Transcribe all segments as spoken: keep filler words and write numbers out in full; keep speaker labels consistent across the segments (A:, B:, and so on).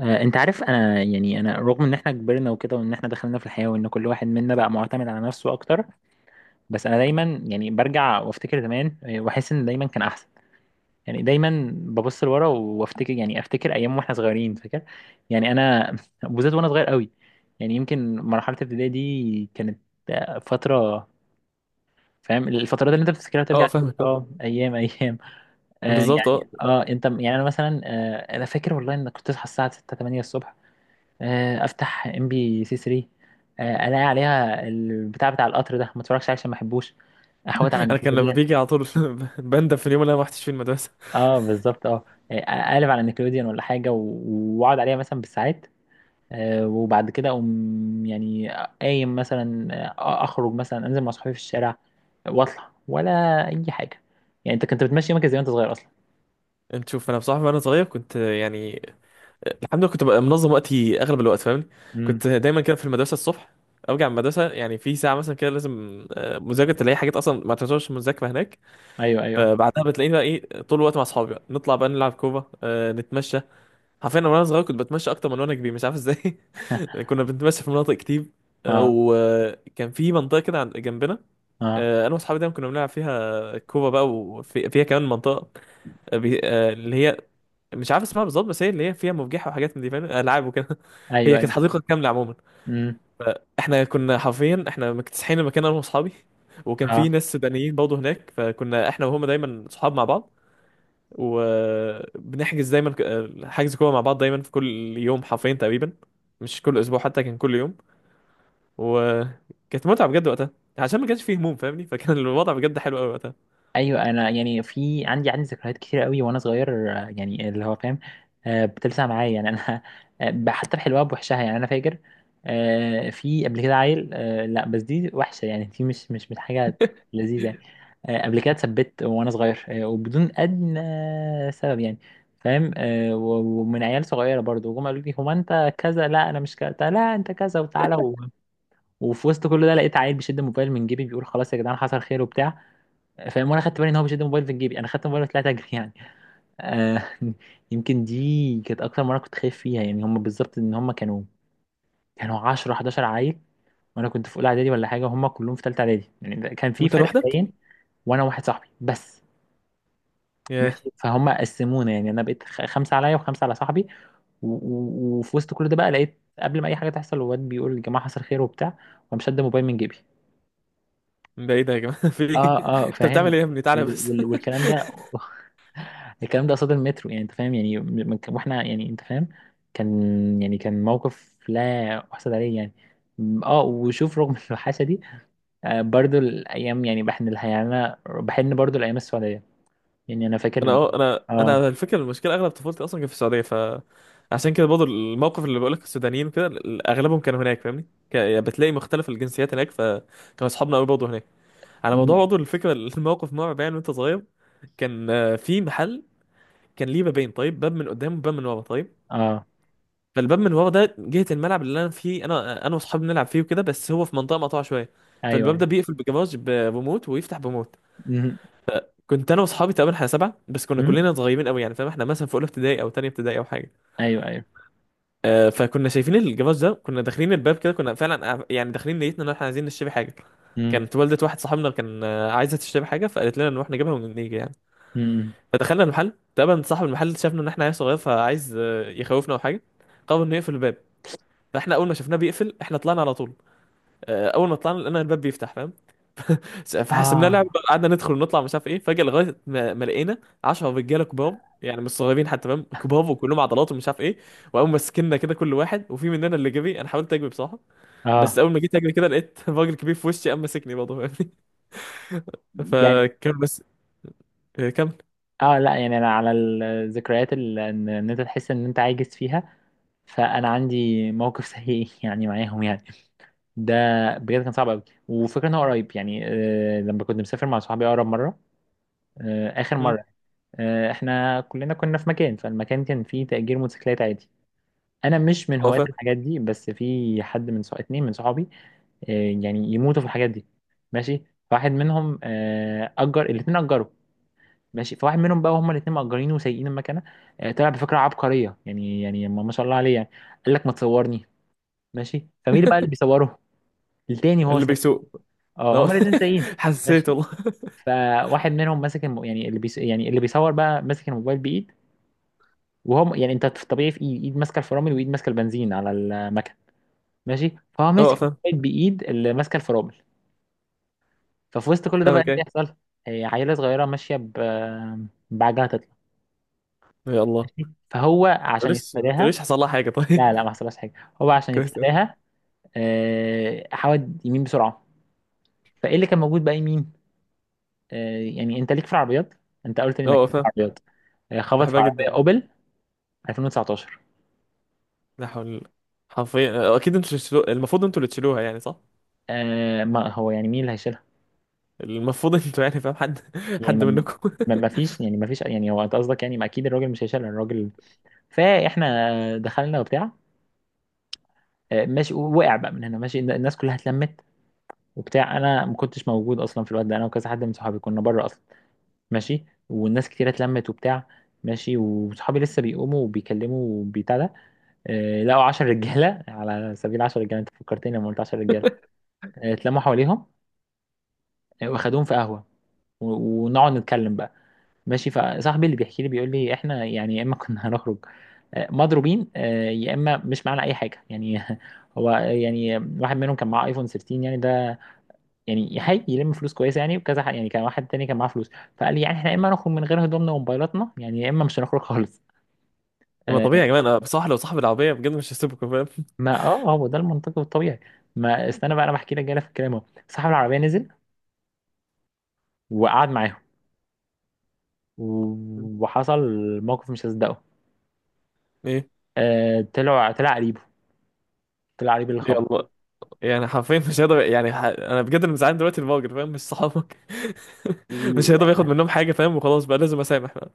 A: آه، انت عارف، انا يعني انا رغم ان احنا كبرنا وكده، وان احنا دخلنا في الحياة، وان كل واحد منا بقى معتمد على نفسه اكتر. بس انا دايما يعني برجع وافتكر زمان، آه، واحس ان دايما كان احسن. يعني دايما ببص لورا وافتكر، يعني افتكر ايام واحنا صغيرين، فاكر؟ يعني انا بالذات وانا صغير قوي، يعني يمكن مرحلة الابتدائي دي كانت آه، فترة. فاهم الفترات اللي انت بتفتكرها ترجع
B: اه
A: تقول
B: فاهمك اه.
A: اه ايام ايام. آه
B: بالظبط
A: يعني
B: اه.
A: اه انت يعني انا مثلا آه انا فاكر والله ان كنت اصحى الساعة ستة تمانية الصبح، آه، افتح ام بي سي تلاتة، آه، الاقي عليها البتاع بتاع القطر ده، ما اتفرجش عليه عشان ما احبوش، احوط على
B: انا كان لما
A: نيكلوديان.
B: بيجي على طول. بندم في اليوم اللي انا ما رحتش فيه المدرسه.
A: اه بالظبط اه. آه، اقلب على نيكلوديان ولا حاجه، و- واقعد عليها مثلا بالساعات. آه، وبعد كده اقوم يعني، قايم مثلا، آه، اخرج مثلا، انزل مع صحابي في الشارع واطلع ولا اي حاجه. يعني انت كنت بتمشي يومك ازاي وانت صغير اصلا؟
B: انت شوف، انا بصراحه وانا صغير كنت يعني الحمد لله كنت ببقى منظم وقتي اغلب الوقت فاهمني.
A: امم.
B: كنت دايما كده في المدرسه الصبح، ارجع من المدرسه يعني في ساعه مثلا كده لازم آه، مذاكره، تلاقي حاجات اصلا ما تعتبرش مذاكره هناك.
A: ايوه ايوه.
B: فبعدها بتلاقيني بقى ايه طول الوقت مع اصحابي، بقى نطلع بقى نلعب كوره آه، نتمشى. حرفيا انا وانا صغير كنت بتمشى اكتر من وانا كبير، مش عارف ازاي. كنا بنتمشى في مناطق كتير. آه،
A: اه
B: وكان في منطقه كده عند- جنبنا.
A: اه.
B: آه، انا واصحابي دايما كنا بنلعب فيها كوبا بقى، وفيها كمان منطقه آه، بي... آه، اللي هي مش عارف اسمها بالظبط، بس هي اللي هي فيها مفجحه وحاجات من دي، فاهم؟ العاب وكده هي
A: ايوه
B: كانت
A: ايوه.
B: حديقه كامله عموما.
A: امم.
B: احنا كنا حرفيا احنا مكتسحين المكان انا واصحابي. وكان في
A: اه.
B: ناس سودانيين برضه هناك، فكنا احنا وهم دايما صحاب مع بعض. وبنحجز دايما ك- آه، حجز كوره مع بعض دايما في كل يوم حرفيا تقريبا. مش كل اسبوع، حتى كان كل يوم. وكانت متعه بجد وقتها، عشان ما كانش فيه هموم فاهمني، فكان الوضع بجد حلو قوي وقتها.
A: ايوه، انا يعني في عندي عندي ذكريات كتير قوي وانا صغير، آه، يعني اللي هو فاهم، آه، بتلسع معايا، يعني انا آه، حتى بحلوها بوحشها، يعني انا فاكر آه، في قبل كده عيل، آه، لا بس دي وحشه، يعني دي مش مش مش حاجه لذيذه يعني. آه، قبل كده اتثبت وانا صغير آه، وبدون ادنى سبب يعني، فاهم؟ آه، و- ومن عيال صغيره برضو، وهم قالوا لي هو انت كذا، لا انا مش كذا، لا انت كذا وتعالى و... وفي وسط كل ده لقيت عيل بيشد الموبايل من جيبي بيقول خلاص يا جدعان حصل خير وبتاع. فاهم؟ وانا خدت بالي ان هو بيشد الموبايل في جيبي، انا خدت الموبايل وطلعت اجري يعني. آه يمكن دي كانت اكتر مره كنت خايف فيها يعني، هم بالظبط ان هم كانوا كانوا عشرة حداشر عيل، وانا كنت في اولى اعدادي ولا حاجه، وهم كلهم في ثالثه اعدادي، يعني ده كان في
B: وانت
A: فرق
B: لوحدك؟
A: باين. وانا واحد صاحبي بس.
B: ياه.
A: ماشي، فهم قسمونا يعني، انا بقيت خ- خمسه عليا وخمسه على صاحبي. و- و- وفي وسط كل ده بقى لقيت قبل ما اي حاجه تحصل الواد بيقول يا جماعه حصل خير وبتاع، وقام شد موبايل من جيبي.
B: من بعيد يا جماعه في ايه؟
A: اه. اه
B: انت بتعمل
A: فاهم.
B: ايه يا ابني؟ تعالى
A: وال-
B: بس
A: وال- والكلام ده الكلام ده قصاد المترو يعني، انت فاهم؟ يعني من- واحنا يعني انت فاهم، كان يعني كان موقف لا احسد عليه يعني. اه، وشوف رغم الوحشه دي آه، برضو الايام يعني بحن لها، يعني انا بحن برضو الايام السعوديه يعني، انا
B: انا
A: فاكر.
B: اه انا انا
A: اه.
B: على الفكره المشكله اغلب طفولتي اصلا كانت في السعوديه، ف عشان كده برضه الموقف اللي بقولك السودانيين كده اغلبهم كانوا هناك فاهمني. ك- يعني بتلاقي مختلف الجنسيات هناك، فكانوا اصحابنا قوي برضه هناك. على موضوع
A: مم.
B: برضه الفكره الموقف مرعب يعني وانت صغير. كان آه، في محل، كان ليه بابين، طيب؟ باب من قدام وباب من ورا، طيب؟
A: اه.
B: فالباب من ورا ده جهه الملعب اللي انا فيه، انا انا واصحابي بنلعب فيه وكده، بس هو في منطقه مقطوعه شويه.
A: ايوه
B: فالباب
A: ايوه.
B: ده بيقفل بجراج بريموت ويفتح بموت.
A: مم.
B: كنت انا واصحابي تقريبا احنا سبعه بس، كنا
A: مم.
B: كلنا صغيرين قوي يعني، فاهم؟ احنا مثلا في اولى ابتدائي او تانية ابتدائي او حاجه.
A: ايوه ايوه.
B: آه فكنا شايفين الجراج ده، كنا داخلين الباب كده، كنا فعلا قاع- يعني داخلين نيتنا ان احنا عايزين نشتري حاجه.
A: مم.
B: كانت والدة واحد صاحبنا كان آه، عايزه تشتري حاجه، فقالت لنا نروح نجيبها ونيجي يعني.
A: مم.
B: فدخلنا المحل، تقريبا صاحب المحل شافنا ان احنا عيال صغير فعايز آه، يخوفنا او حاجه، قرر انه يقفل الباب. فاحنا اول ما شفناه بيقفل احنا طلعنا على طول. آه، اول ما طلعنا لقينا الباب بيفتح، فاهم؟ فحسبناها
A: اه.
B: لعبه بقى، قعدنا ندخل ونطلع مش عارف ايه، فجاه لغايه ما, ما لقينا عشرة رجاله كبار، يعني مش صغيرين حتى فاهم، كبار وكلهم عضلات ومش عارف ايه. وقاموا ماسكيننا كده كل واحد، وفي مننا اللي جري، انا حاولت اجري بصراحه. بس
A: اه.
B: اول ما جيت اجري كده لقيت راجل كبير في وشي قام ماسكني برضه فاهمني.
A: يعني
B: فكان بس. إيه، كمل.
A: اه لا، يعني انا على الذكريات اللي ان إن انت تحس ان انت عاجز فيها، فانا عندي موقف سيء يعني معاهم يعني، ده بجد كان صعب قوي، وفكرة ان هو قريب يعني. آه لما كنت مسافر مع صحابي اقرب مره، آه اخر
B: مم.
A: مره، آه احنا كلنا كنا في مكان، فالمكان كان فيه تأجير موتوسيكلات عادي. انا مش من
B: هو
A: هواة
B: فاهم.
A: الحاجات دي، بس في حد من صح... اتنين من صحابي آه يعني يموتوا في الحاجات دي. ماشي، واحد منهم آه اجر، الاتنين اجروا. ماشي، فواحد منهم بقى، هما الاثنين مأجرينه وسايقين المكنه. آه، طلع بفكره عبقريه يعني، يعني ما ما شاء الله عليه يعني، قال لك ما تصورني. ماشي، فمين اللي بقى اللي بيصوره؟ التاني وهو
B: اللي
A: سايق.
B: بيسوق.
A: اه
B: اه
A: هما الاثنين سايقين. ماشي،
B: حسيت والله.
A: فواحد منهم ماسك الم... يعني اللي بيس... يعني اللي بيصور بقى ماسك الموبايل بايد، وهو يعني انت في الطبيعي في ايد ايد ماسكه الفرامل وايد ماسكه البنزين على المكنه. ماشي، فهو
B: اه
A: ماسك
B: فاهم.
A: الموبايل بايد اللي ماسكه الفرامل. ففي وسط كل ده بقى ايه
B: فاهمك،
A: اللي
B: ايه؟
A: يحصل؟ هي عيله صغيره ماشيه ب... بعجلة تطلع.
B: يا الله.
A: ماشي؟ فهو
B: ما
A: عشان
B: تقوليش ما
A: يتفاداها،
B: تقوليش حصل لها حاجه، طيب؟
A: لا لا، ما حصلهاش حاجه. هو عشان
B: كويس أوي.
A: يتفاداها آه، حود يمين بسرعه. فايه اللي كان موجود بقى يمين؟ آه، يعني انت ليك في العربيات، انت قلت لي انك
B: اه
A: ليك في
B: فاهم.
A: العربيات. آه، خبط في
B: بحبها
A: عربيه
B: جدا.
A: اوبل الفين وتسعتاشر.
B: لا حول. حرفيا اكيد انتوا اللي تشيلوها، المفروض انتوا اللي تشيلوها يعني، صح؟
A: آه، ما هو يعني مين اللي هيشيلها؟
B: المفروض انتوا يعني فاهم، حد
A: يعني
B: حد
A: ما
B: منكم.
A: ما ما فيش، يعني ما فيش، يعني هو انت قصدك يعني ما، اكيد الراجل مش هيشيلها الراجل. فاحنا آه، دخلنا وبتاع، آه، ماشي، وقع بقى من هنا، ماشي، الناس كلها اتلمت وبتاع، انا ما كنتش موجود اصلا في الوقت ده، انا وكذا حد من صحابي كنا بره اصلا. ماشي، والناس كتيرة اتلمت وبتاع. ماشي، وصحابي لسه بيقوموا وبيكلموا بتاع ده، آه، لقوا عشر رجالة على سبيل عشر رجالة، انت فكرتني لما قلت عشر رجالة، آه، اتلموا حواليهم، آه، واخدوهم في قهوة، و- ونقعد نتكلم بقى. ماشي، فصاحبي اللي بيحكي لي بيقول لي احنا يعني يا اما كنا هنخرج آه، مضروبين، آه، يا اما مش معانا اي حاجه يعني هو يعني واحد منهم كان معاه ايفون تلتاشر، يعني ده يعني هاي يلم فلوس كويسه يعني وكذا حق يعني، كان واحد تاني كان معاه فلوس. فقال لي يعني احنا يا اما نخرج من غير هدومنا وموبايلاتنا يعني، يا اما مش هنخرج خالص.
B: ما
A: آه
B: طبيعي، يا جماعه أنا بصراحه لو صاحب العربيه بجد مش هسيبكم، فاهم؟
A: ما اه آه، هو ده المنطقي والطبيعي، ما استنى بقى انا بحكي لك جاي في الكلام اهو. صاحب العربيه نزل وقعد معاهم و- وحصل موقف مش هصدقه.
B: ايه؟
A: آه طلع طلع قريبه، طلع قريب اللي خبره،
B: يلا. يعني حرفيا مش هيقدر يعني ح... انا بجد اللي مزعلان دلوقتي الراجل، فاهم؟ مش صحابك. مش هيقدر ياخد منهم حاجه، فاهم؟ وخلاص بقى لازم اسامح بقى.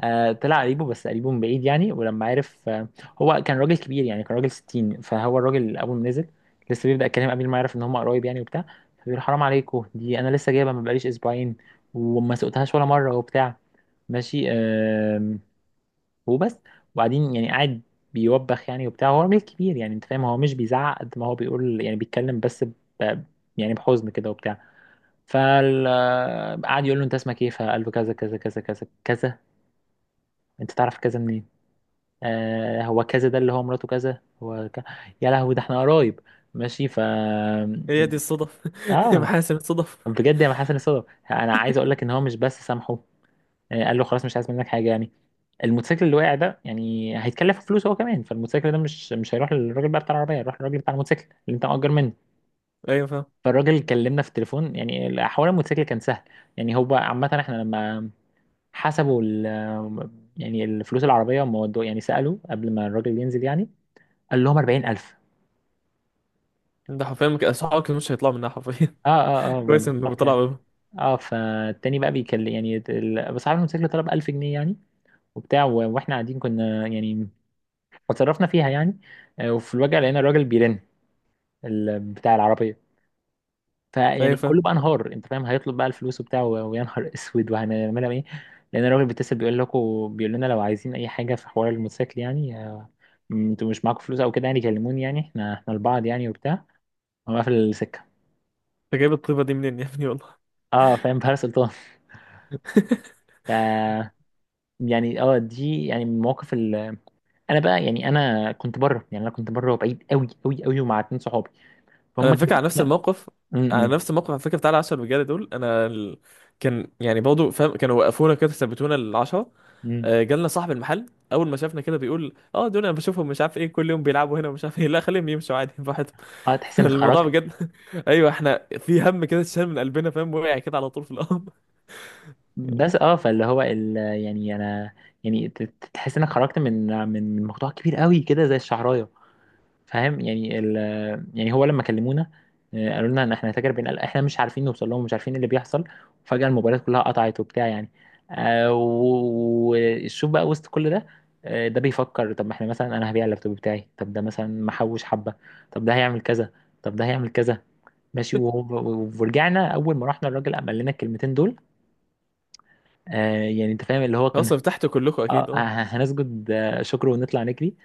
A: آه طلع قريبه، بس قريبه من بعيد يعني، ولما عرف آه هو كان راجل كبير يعني، كان راجل ستين، فهو الراجل اول ما نزل لسه بيبدأ الكلام قبل ما يعرف ان هم قرايب يعني وبتاع، فبيقول حرام عليكم، دي انا لسه جايبها، ما بقاليش اسبوعين، وما سقتهاش ولا مره وبتاع. ماشي آه وبس. وبعدين يعني قاعد بيوبخ يعني وبتاع، هو راجل كبير يعني، انت فاهم؟ هو مش بيزعق قد ما هو بيقول يعني، بيتكلم بس ب، يعني بحزن كده وبتاع. فقعد يقول له انت اسمك ايه، فقال له كذا كذا كذا كذا كذا. انت تعرف كذا منين؟ آه هو كذا ده اللي هو مراته كذا هو ك... يا لهوي، ده احنا قرايب. ماشي ف
B: هي دي
A: يعني.
B: الصدف
A: اه
B: محاسن الصدف.
A: بجد يا حسن الصدف. انا عايز اقول لك ان هو مش بس سامحه، آه، قال له خلاص مش عايز منك حاجه يعني، الموتوسيكل اللي وقع ده يعني هيتكلف فلوس هو كمان، فالموتوسيكل ده مش مش هيروح للراجل بقى بتاع العربيه، هيروح للراجل بتاع الموتوسيكل اللي انت مأجر منه.
B: ايوه فاهم.
A: فالراجل كلمنا في التليفون، يعني حوار الموتوسيكل كان سهل، يعني هو عامه احنا لما حسبوا ال... يعني الفلوس، العربيه هم ودوا- يعني سالوا قبل ما الراجل ينزل يعني، قال لهم اربعين الف.
B: ده حرفيا مك- صحابك مش هيطلعوا منها حرفيا.
A: اه اه اه ما
B: كويس انه
A: بالظبط
B: طلع
A: يعني.
B: منها.
A: اه، فالتاني بقى بيكلم يعني ال- بس عارف الموتوسيكل طلب الف جنيه يعني وبتاع، و- واحنا قاعدين كنا يعني، اتصرفنا فيها يعني. آه، وفي الواجهه لقينا الراجل بيرن، ال- بتاع العربيه.
B: ايوه
A: فيعني
B: فاهم.
A: كله بقى انهار، انت فاهم، هيطلب بقى الفلوس وبتاع، و- ويا نهار اسود، وهنعملها ايه؟ لان الراجل بيتصل بيقول لكم، بيقول لنا لو عايزين اي حاجه في حوار الموتوسيكل يعني، آه، انتوا مش معاكم فلوس او كده يعني كلموني، يعني احنا احنا لبعض يعني وبتاع. هو قافل السكه.
B: انت جايب الطيبه دي منين يا ابني والله؟
A: اه فاهم بهاء سلطان. ف يعني اه دي يعني من المواقف. انا بقى يعني، انا كنت بره يعني، انا كنت بره وبعيد قوي قوي قوي ومع اتنين صحابي،
B: انا
A: فهم
B: الفكره
A: كانوا
B: على نفس
A: لا.
B: الموقف،
A: م-
B: على
A: م-
B: نفس الموقف، على فكره بتاع العشرة رجاله دول، انا ال... كان يعني برضه فاهم كانوا وقفونا كده ثبتونا العشرة.
A: م.
B: آه، جالنا صاحب المحل، اول ما شافنا كده بيقول، اه دول انا بشوفهم مش عارف ايه كل يوم بيلعبوا هنا ومش عارف ايه، لا خليهم يمشوا عادي براحتهم.
A: اه تحس انك
B: الموضوع
A: خرجت.
B: بجد ايوه احنا في هم كده اتشال من قلبنا، فاهم؟ وقع كده على طول في الارض.
A: بس اه فاللي هو ال... يعني انا يعني ت- ت- تحس انك خرجت من من من موضوع كبير قوي كده زي الشعرايه. فاهم؟ يعني ال، يعني هو لما كلمونا آه، قالوا لنا ان احنا هنتاجر، بين احنا مش عارفين نوصل لهم، مش عارفين ايه اللي بيحصل، وفجأة الموبايلات كلها قطعت وبتاع يعني آه، و- وشوف بقى وسط كل ده آه، ده بيفكر، طب ما احنا مثلا انا هبيع اللابتوب بتاعي، طب ده مثلا محوش حبة، طب ده هيعمل كذا، طب ده هيعمل كذا. ماشي وهو- ورجعنا، اول ما رحنا الراجل قام قال لنا الكلمتين دول، آه يعني انت فاهم اللي هو كنا
B: خلاص ارتحتوا كلكم،
A: اه
B: اكيد اه
A: هنسجد آه، شكر ونطلع نجري.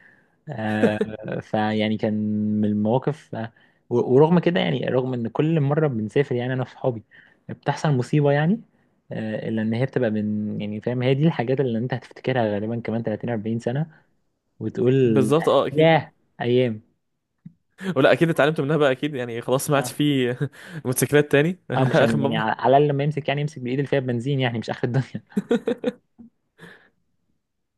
A: آه، فيعني كان من المواقف آه، و- ورغم كده يعني، رغم ان كل مره بنسافر يعني انا وصحابي بتحصل مصيبه يعني، آه، الا ان هي بتبقى من يعني فاهم، هي دي الحاجات اللي انت هتفتكرها غالبا كمان تلاتين اربعين سنه، وتقول
B: بالظبط اه اكيد.
A: ياه ايام.
B: ولا اكيد اتعلمتوا منها بقى، اكيد يعني. خلاص ما عادش
A: اه
B: في موتوسيكلات تاني
A: اه، مش
B: اخر
A: يعني، على
B: مره.
A: على الاقل لما يمسك يعني يمسك بايد اللي فيها بنزين يعني، مش اخر الدنيا.